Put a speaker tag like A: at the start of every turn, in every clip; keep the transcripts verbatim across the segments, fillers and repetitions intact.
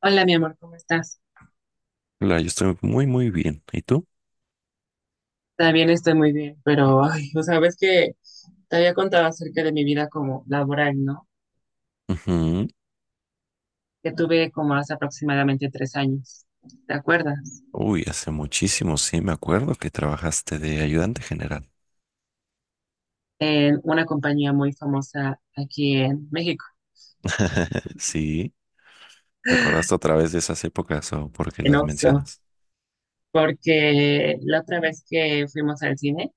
A: Hola, mi amor, ¿cómo estás?
B: Hola, yo estoy muy, muy bien. ¿Y tú?
A: También estoy muy bien, pero, ay, o sabes que te había contado acerca de mi vida como laboral, ¿no?
B: Ujú.
A: Que tuve como hace aproximadamente tres años, ¿te acuerdas?
B: Uy, hace muchísimo, sí, me acuerdo que trabajaste de ayudante general.
A: En una compañía muy famosa aquí en México,
B: Sí, ¿te acordaste otra vez de esas épocas o por qué
A: en
B: las
A: Oxxo,
B: mencionas?
A: porque la otra vez que fuimos al cine,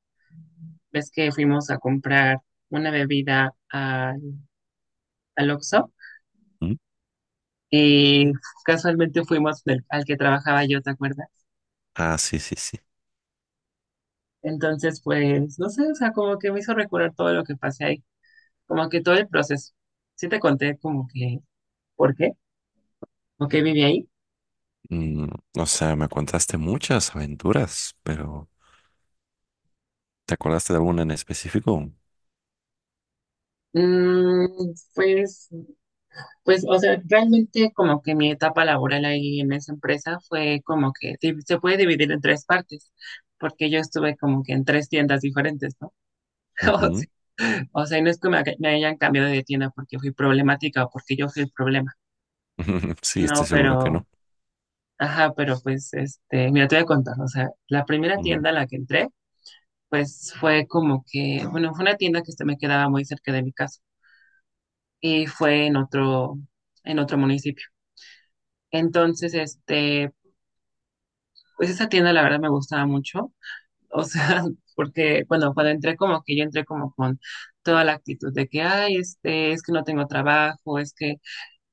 A: ves que fuimos a comprar una bebida al al Oxxo
B: ¿Mm?
A: y casualmente fuimos del- al que trabajaba yo, ¿te acuerdas?
B: Ah, sí, sí, sí.
A: Entonces, pues, no sé, o sea, como que me hizo recordar todo lo que pasé ahí, como que todo el proceso. Sí te conté como que, ¿por qué? ¿Por qué viví ahí?
B: Mm, o sea, me contaste muchas aventuras, pero ¿te acordaste de alguna en específico?
A: Mm, pues, pues, o sea, realmente como que mi etapa laboral ahí en esa empresa fue como que di- se puede dividir en tres partes, porque yo estuve como que en tres tiendas diferentes, ¿no? O
B: Ujú.
A: sea, o sea, y no es que me, ha- me hayan cambiado de tienda porque fui problemática o porque yo fui el problema,
B: Sí,
A: no,
B: estoy seguro que
A: pero...
B: no.
A: Ajá, pero pues, este, mira, te voy a contar, o sea, la primera
B: Mm,
A: tienda a la que entré, pues fue como que, bueno, fue una tienda que este me quedaba muy cerca de mi casa y fue en otro, en otro municipio. Entonces, este, pues esa tienda la verdad me gustaba mucho, o sea, porque, bueno, cuando entré como que yo entré como con toda la actitud de que, ay, este, es que no tengo trabajo, es que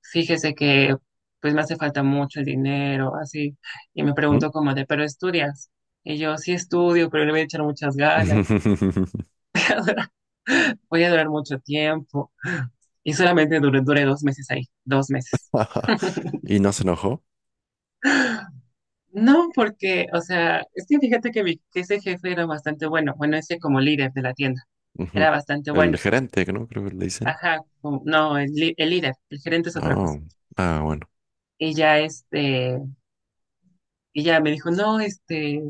A: fíjese que pues me hace falta mucho el dinero, así. Y me
B: ujú.
A: preguntó como de, ¿pero estudias? Y yo, sí estudio, pero le voy a echar muchas ganas, voy a durar mucho tiempo. Y solamente duré, duré dos meses ahí, dos meses.
B: ¿Y no se enojó?
A: No, porque, o sea, es que fíjate que, mi- que ese jefe era bastante bueno, bueno, ese como líder de la tienda, era
B: Ujú.
A: bastante
B: El
A: bueno.
B: gerente, ¿no? Creo que le dicen.
A: Ajá, como- no, el, li- el líder, el gerente es otra cosa.
B: No. Ah, bueno.
A: Y ya este, y ya me dijo, no, este,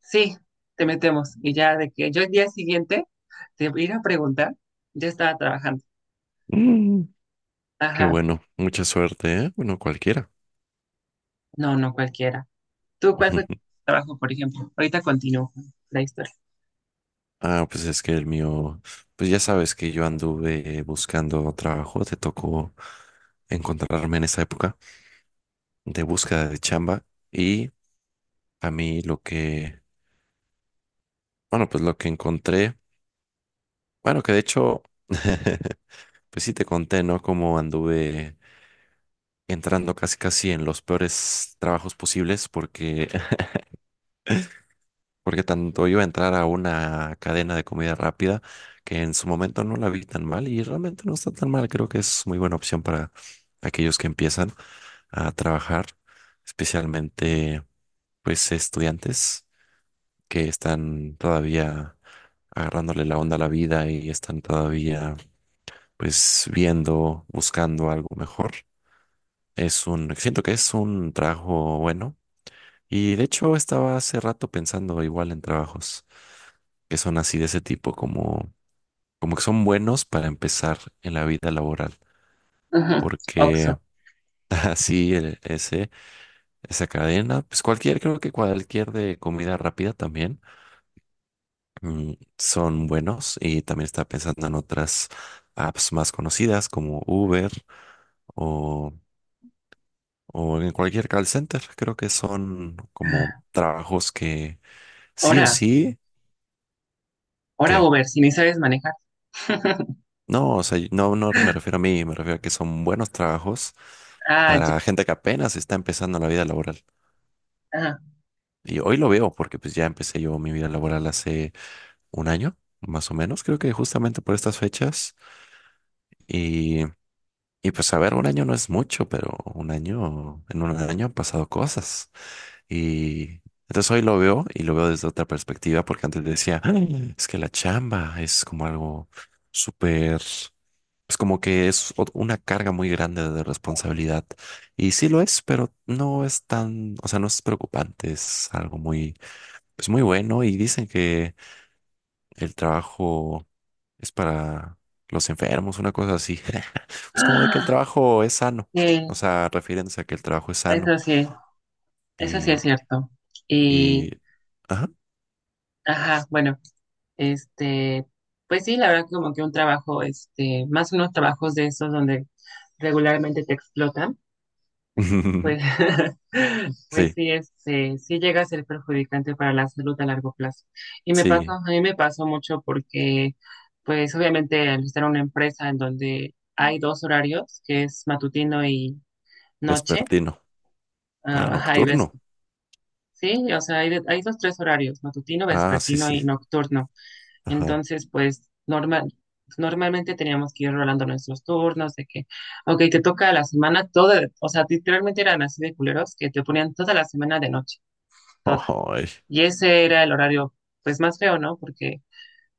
A: sí, te metemos. Y ya de que yo el día siguiente te ir a preguntar, ya estaba trabajando.
B: Mm. Qué
A: Ajá,
B: bueno, mucha suerte, ¿eh? Bueno, cualquiera.
A: no, no cualquiera. ¿Tú cuál fue tu trabajo, por ejemplo? Ahorita continúo con la historia.
B: Ah, pues es que el mío, pues ya sabes que yo anduve buscando trabajo, te tocó encontrarme en esa época de búsqueda de chamba. Y a mí lo que, bueno, pues lo que encontré, bueno, que de hecho, pues sí te conté, ¿no? Cómo anduve entrando casi casi en los peores trabajos posibles, porque porque tanto iba a entrar a una cadena de comida rápida que en su momento no la vi tan mal, y realmente no está tan mal. Creo que es muy buena opción para aquellos que empiezan a trabajar, especialmente pues estudiantes que están todavía agarrándole la onda a la vida y están todavía pues viendo, buscando algo mejor. Es un, siento que es un trabajo bueno, y de hecho estaba hace rato pensando igual en trabajos que son así de ese tipo, como, como que son buenos para empezar en la vida laboral,
A: Ujú,
B: porque
A: Oxo.
B: así el- ese, esa cadena, pues cualquier, creo que cualquier de comida rápida también, mm, son buenos. Y también estaba pensando en otras apps más conocidas como Uber, o, o en cualquier call center. Creo que son como trabajos que sí o
A: Ahora,
B: sí.
A: ahora
B: ¿Qué?
A: Uber, si ni sabes manejar.
B: No, o sea, no, no me refiero a mí, me refiero a que son buenos trabajos
A: Ah, ya.
B: para gente que apenas está empezando la vida laboral.
A: Ajá.
B: Y hoy lo veo porque pues ya empecé yo mi vida laboral hace un año, más o menos, creo que justamente por estas fechas. Y, y pues a ver, un año no es mucho, pero un año, en un año han pasado cosas. Y entonces hoy lo veo y lo veo desde otra perspectiva, porque antes decía: "Ay, es que la chamba es como algo súper, pues como que es ot- una carga muy grande de responsabilidad. Y sí lo es, pero no es tan, o sea, no es preocupante, es algo muy, pues muy bueno. Y dicen que el trabajo es para los enfermos, una cosa así. Pues como de que el
A: Ah,
B: trabajo es sano,
A: sí,
B: o sea, refiriéndose a que el trabajo es sano.
A: eso sí, eso sí
B: Y,
A: es cierto. Y,
B: y, ajá.
A: ajá, bueno, este, pues sí, la verdad como que un trabajo, este, más unos trabajos de esos donde regularmente te explotan. Pues, pues
B: Sí,
A: sí, es, sí, sí llega a ser perjudicante para la salud a largo plazo. Y me pasó,
B: sí,
A: a mí me pasó mucho porque, pues obviamente al estar en una empresa en donde hay dos horarios, que es matutino y noche,
B: vespertino. Ah,
A: ah, ajá, y ves,
B: nocturno.
A: sí, o sea, hay, de- hay dos, tres horarios, matutino,
B: Ah, sí,
A: vespertino
B: sí.
A: y nocturno.
B: Ajá.
A: Entonces, pues normal, normalmente teníamos que ir rolando nuestros turnos, de que, ok, te toca la semana toda, o sea, literalmente eran así de culeros que te ponían toda la semana de noche, toda.
B: Ojo, ay.
A: Y ese era el horario, pues más feo, ¿no? Porque,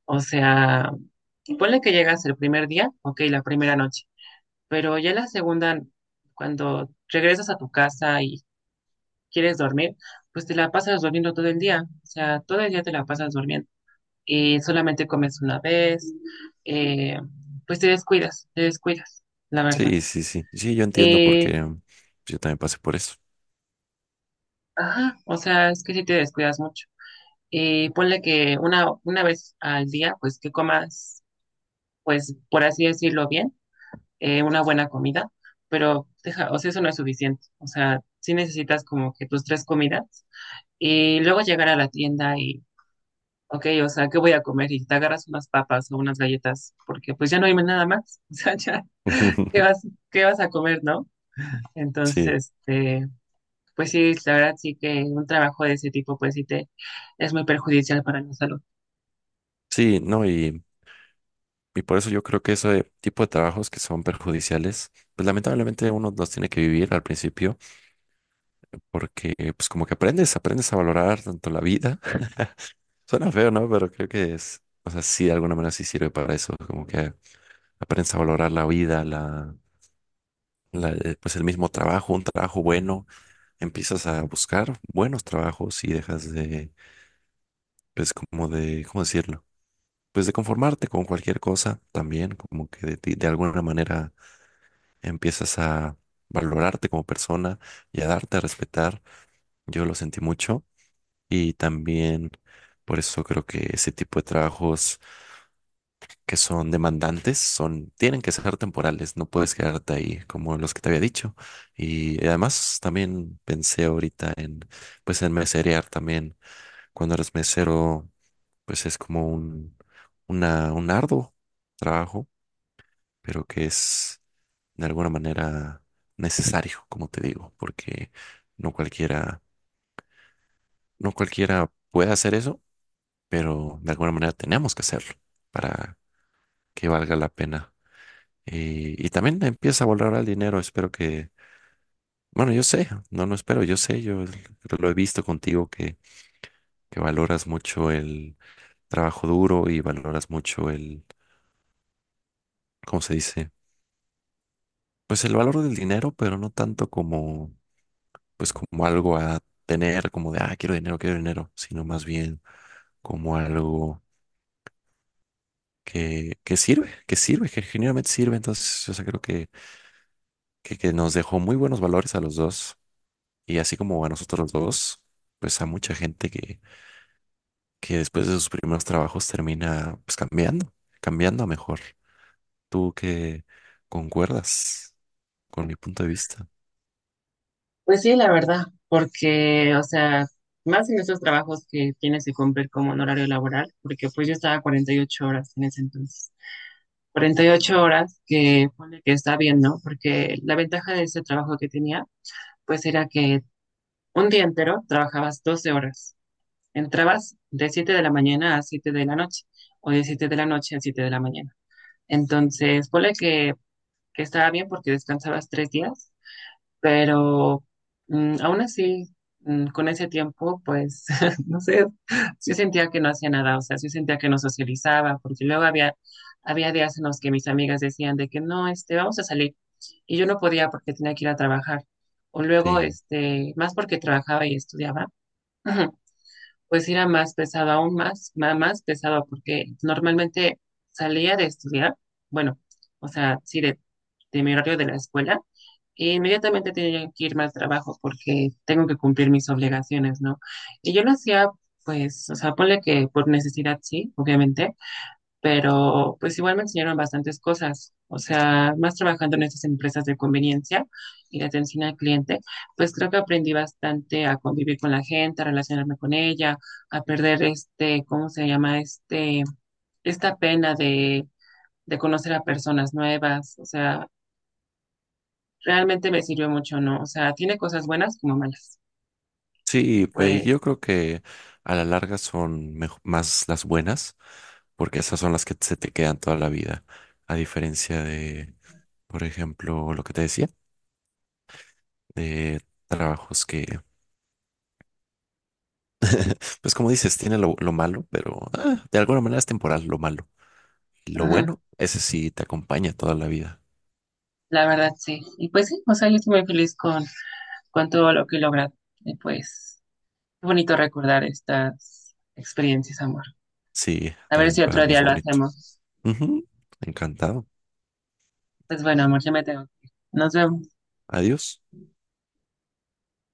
A: o sea, ponle que llegas el primer día, ok, la primera noche, pero ya la segunda, cuando regresas a tu casa y quieres dormir, pues te la pasas durmiendo todo el día, o sea, todo el día te la pasas durmiendo, eh, solamente comes una vez, eh, pues te descuidas, te descuidas, la verdad.
B: Sí, sí, sí. Sí, yo entiendo
A: Eh,
B: porque mm, yo también pasé por eso.
A: ajá, o sea, es que si te descuidas mucho. Eh, ponle que una, una vez al día, pues que comas, pues por así decirlo bien, eh, una buena comida, pero deja, o sea, eso no es suficiente. O sea, sí necesitas como que tus tres comidas y luego llegar a la tienda y, ok, o sea, ¿qué voy a comer? Y te agarras unas papas o unas galletas porque pues ya no hay nada más. O sea, ya. ¿Qué vas, qué vas a comer, ¿no?
B: Sí,
A: Entonces, este, pues sí, la verdad sí que un trabajo de ese tipo, pues sí te es muy perjudicial para la salud.
B: sí, no, y, y por eso yo creo que ese tipo de trabajos que son perjudiciales, pues lamentablemente uno los tiene que vivir al principio, porque pues como que aprendes, aprendes a valorar tanto la vida. Suena feo, ¿no? Pero creo que es, o sea, sí, de alguna manera sí sirve para eso, como que aprendes a valorar la vida, la la- eh, pues el mismo trabajo, un trabajo bueno. Empiezas a buscar buenos trabajos y dejas de, pues como de, ¿cómo decirlo? Pues de conformarte con cualquier cosa también, como que de ti, de alguna manera empiezas a valorarte como persona y a darte a respetar. Yo lo sentí mucho, y también por eso creo que ese tipo de trabajos que son demandantes, son, tienen que ser temporales, no puedes quedarte ahí como los que te había dicho. Y además también pensé ahorita en, pues en meserear también. Cuando eres mesero, pues es como un, una, un arduo trabajo, pero que es de alguna manera necesario, como te digo, porque no cualquiera, no cualquiera puede hacer eso, pero de alguna manera tenemos que hacerlo para que valga la pena. Y, y también empieza a valorar el dinero. Espero que, bueno, yo sé, no, no espero, yo sé, yo l- lo he visto contigo, que, que valoras mucho el trabajo duro y valoras mucho el, ¿cómo se dice? Pues el valor del dinero, pero no tanto como, pues como algo a tener, como de, ah, quiero dinero, quiero dinero, sino más bien como algo que, que sirve, que sirve, que genuinamente sirve. Entonces, o sea, creo que, que, que, nos dejó muy buenos valores a los dos, y así como a nosotros los dos, pues a mucha gente, que que después de sus primeros trabajos termina pues cambiando, cambiando a mejor. ¿Tú que concuerdas con mi punto de vista?
A: Pues sí, la verdad, porque, o sea, más en esos trabajos que tienes que cumplir como en horario laboral, porque pues yo estaba cuarenta y ocho horas en ese entonces. Cuarenta y ocho horas que pone que está bien, ¿no? Porque la ventaja de ese trabajo que tenía, pues era que un día entero trabajabas doce horas. Entrabas de siete de la mañana a siete de la noche o de siete de la noche a siete de la mañana. Entonces, ponle que, que estaba bien porque descansabas tres días, pero mm, aún así, mm, con ese tiempo, pues, no sé, sí sentía que no hacía nada, o sea, sí sentía que no socializaba, porque luego había, había días en los que mis amigas decían de que no, este, vamos a salir, y yo no podía porque tenía que ir a trabajar, o luego,
B: Sí,
A: este, más porque trabajaba y estudiaba. Pues era más pesado, aún más, ma- más pesado, porque normalmente salía de estudiar, bueno, o sea, sí, de, de mi horario de la escuela, e inmediatamente tenía que irme al trabajo porque tengo que cumplir mis obligaciones, ¿no? Y yo lo hacía, pues, o sea, ponle que por necesidad, sí, obviamente, pero pues igual me enseñaron bastantes cosas, o sea, más trabajando en estas empresas de conveniencia y de atención al cliente, pues creo que aprendí bastante a convivir con la gente, a relacionarme con ella, a perder este, ¿cómo se llama? Este, esta pena de, de conocer a personas nuevas, o sea, realmente me sirvió mucho, ¿no? O sea, tiene cosas buenas como malas. Y
B: sí, pe-
A: pues,
B: yo creo que a la larga son mejo- más las buenas, porque esas son las que se te quedan toda la vida, a diferencia de, por ejemplo, lo que te decía, de trabajos que, pues como dices, tiene lo, lo malo, pero ah, de alguna manera es temporal lo malo. Lo
A: ajá,
B: bueno, ese sí te acompaña toda la vida.
A: la verdad sí. Y pues sí, o sea, yo estoy muy feliz con, con todo lo que he logrado. Y pues... Qué bonito recordar estas experiencias, amor.
B: Sí,
A: A ver
B: también
A: si
B: para
A: otro
B: mí
A: día
B: es
A: lo
B: bonito.
A: hacemos.
B: Ujú. Encantado.
A: Pues bueno, amor, ya me tengo que ir. Nos vemos.
B: Adiós.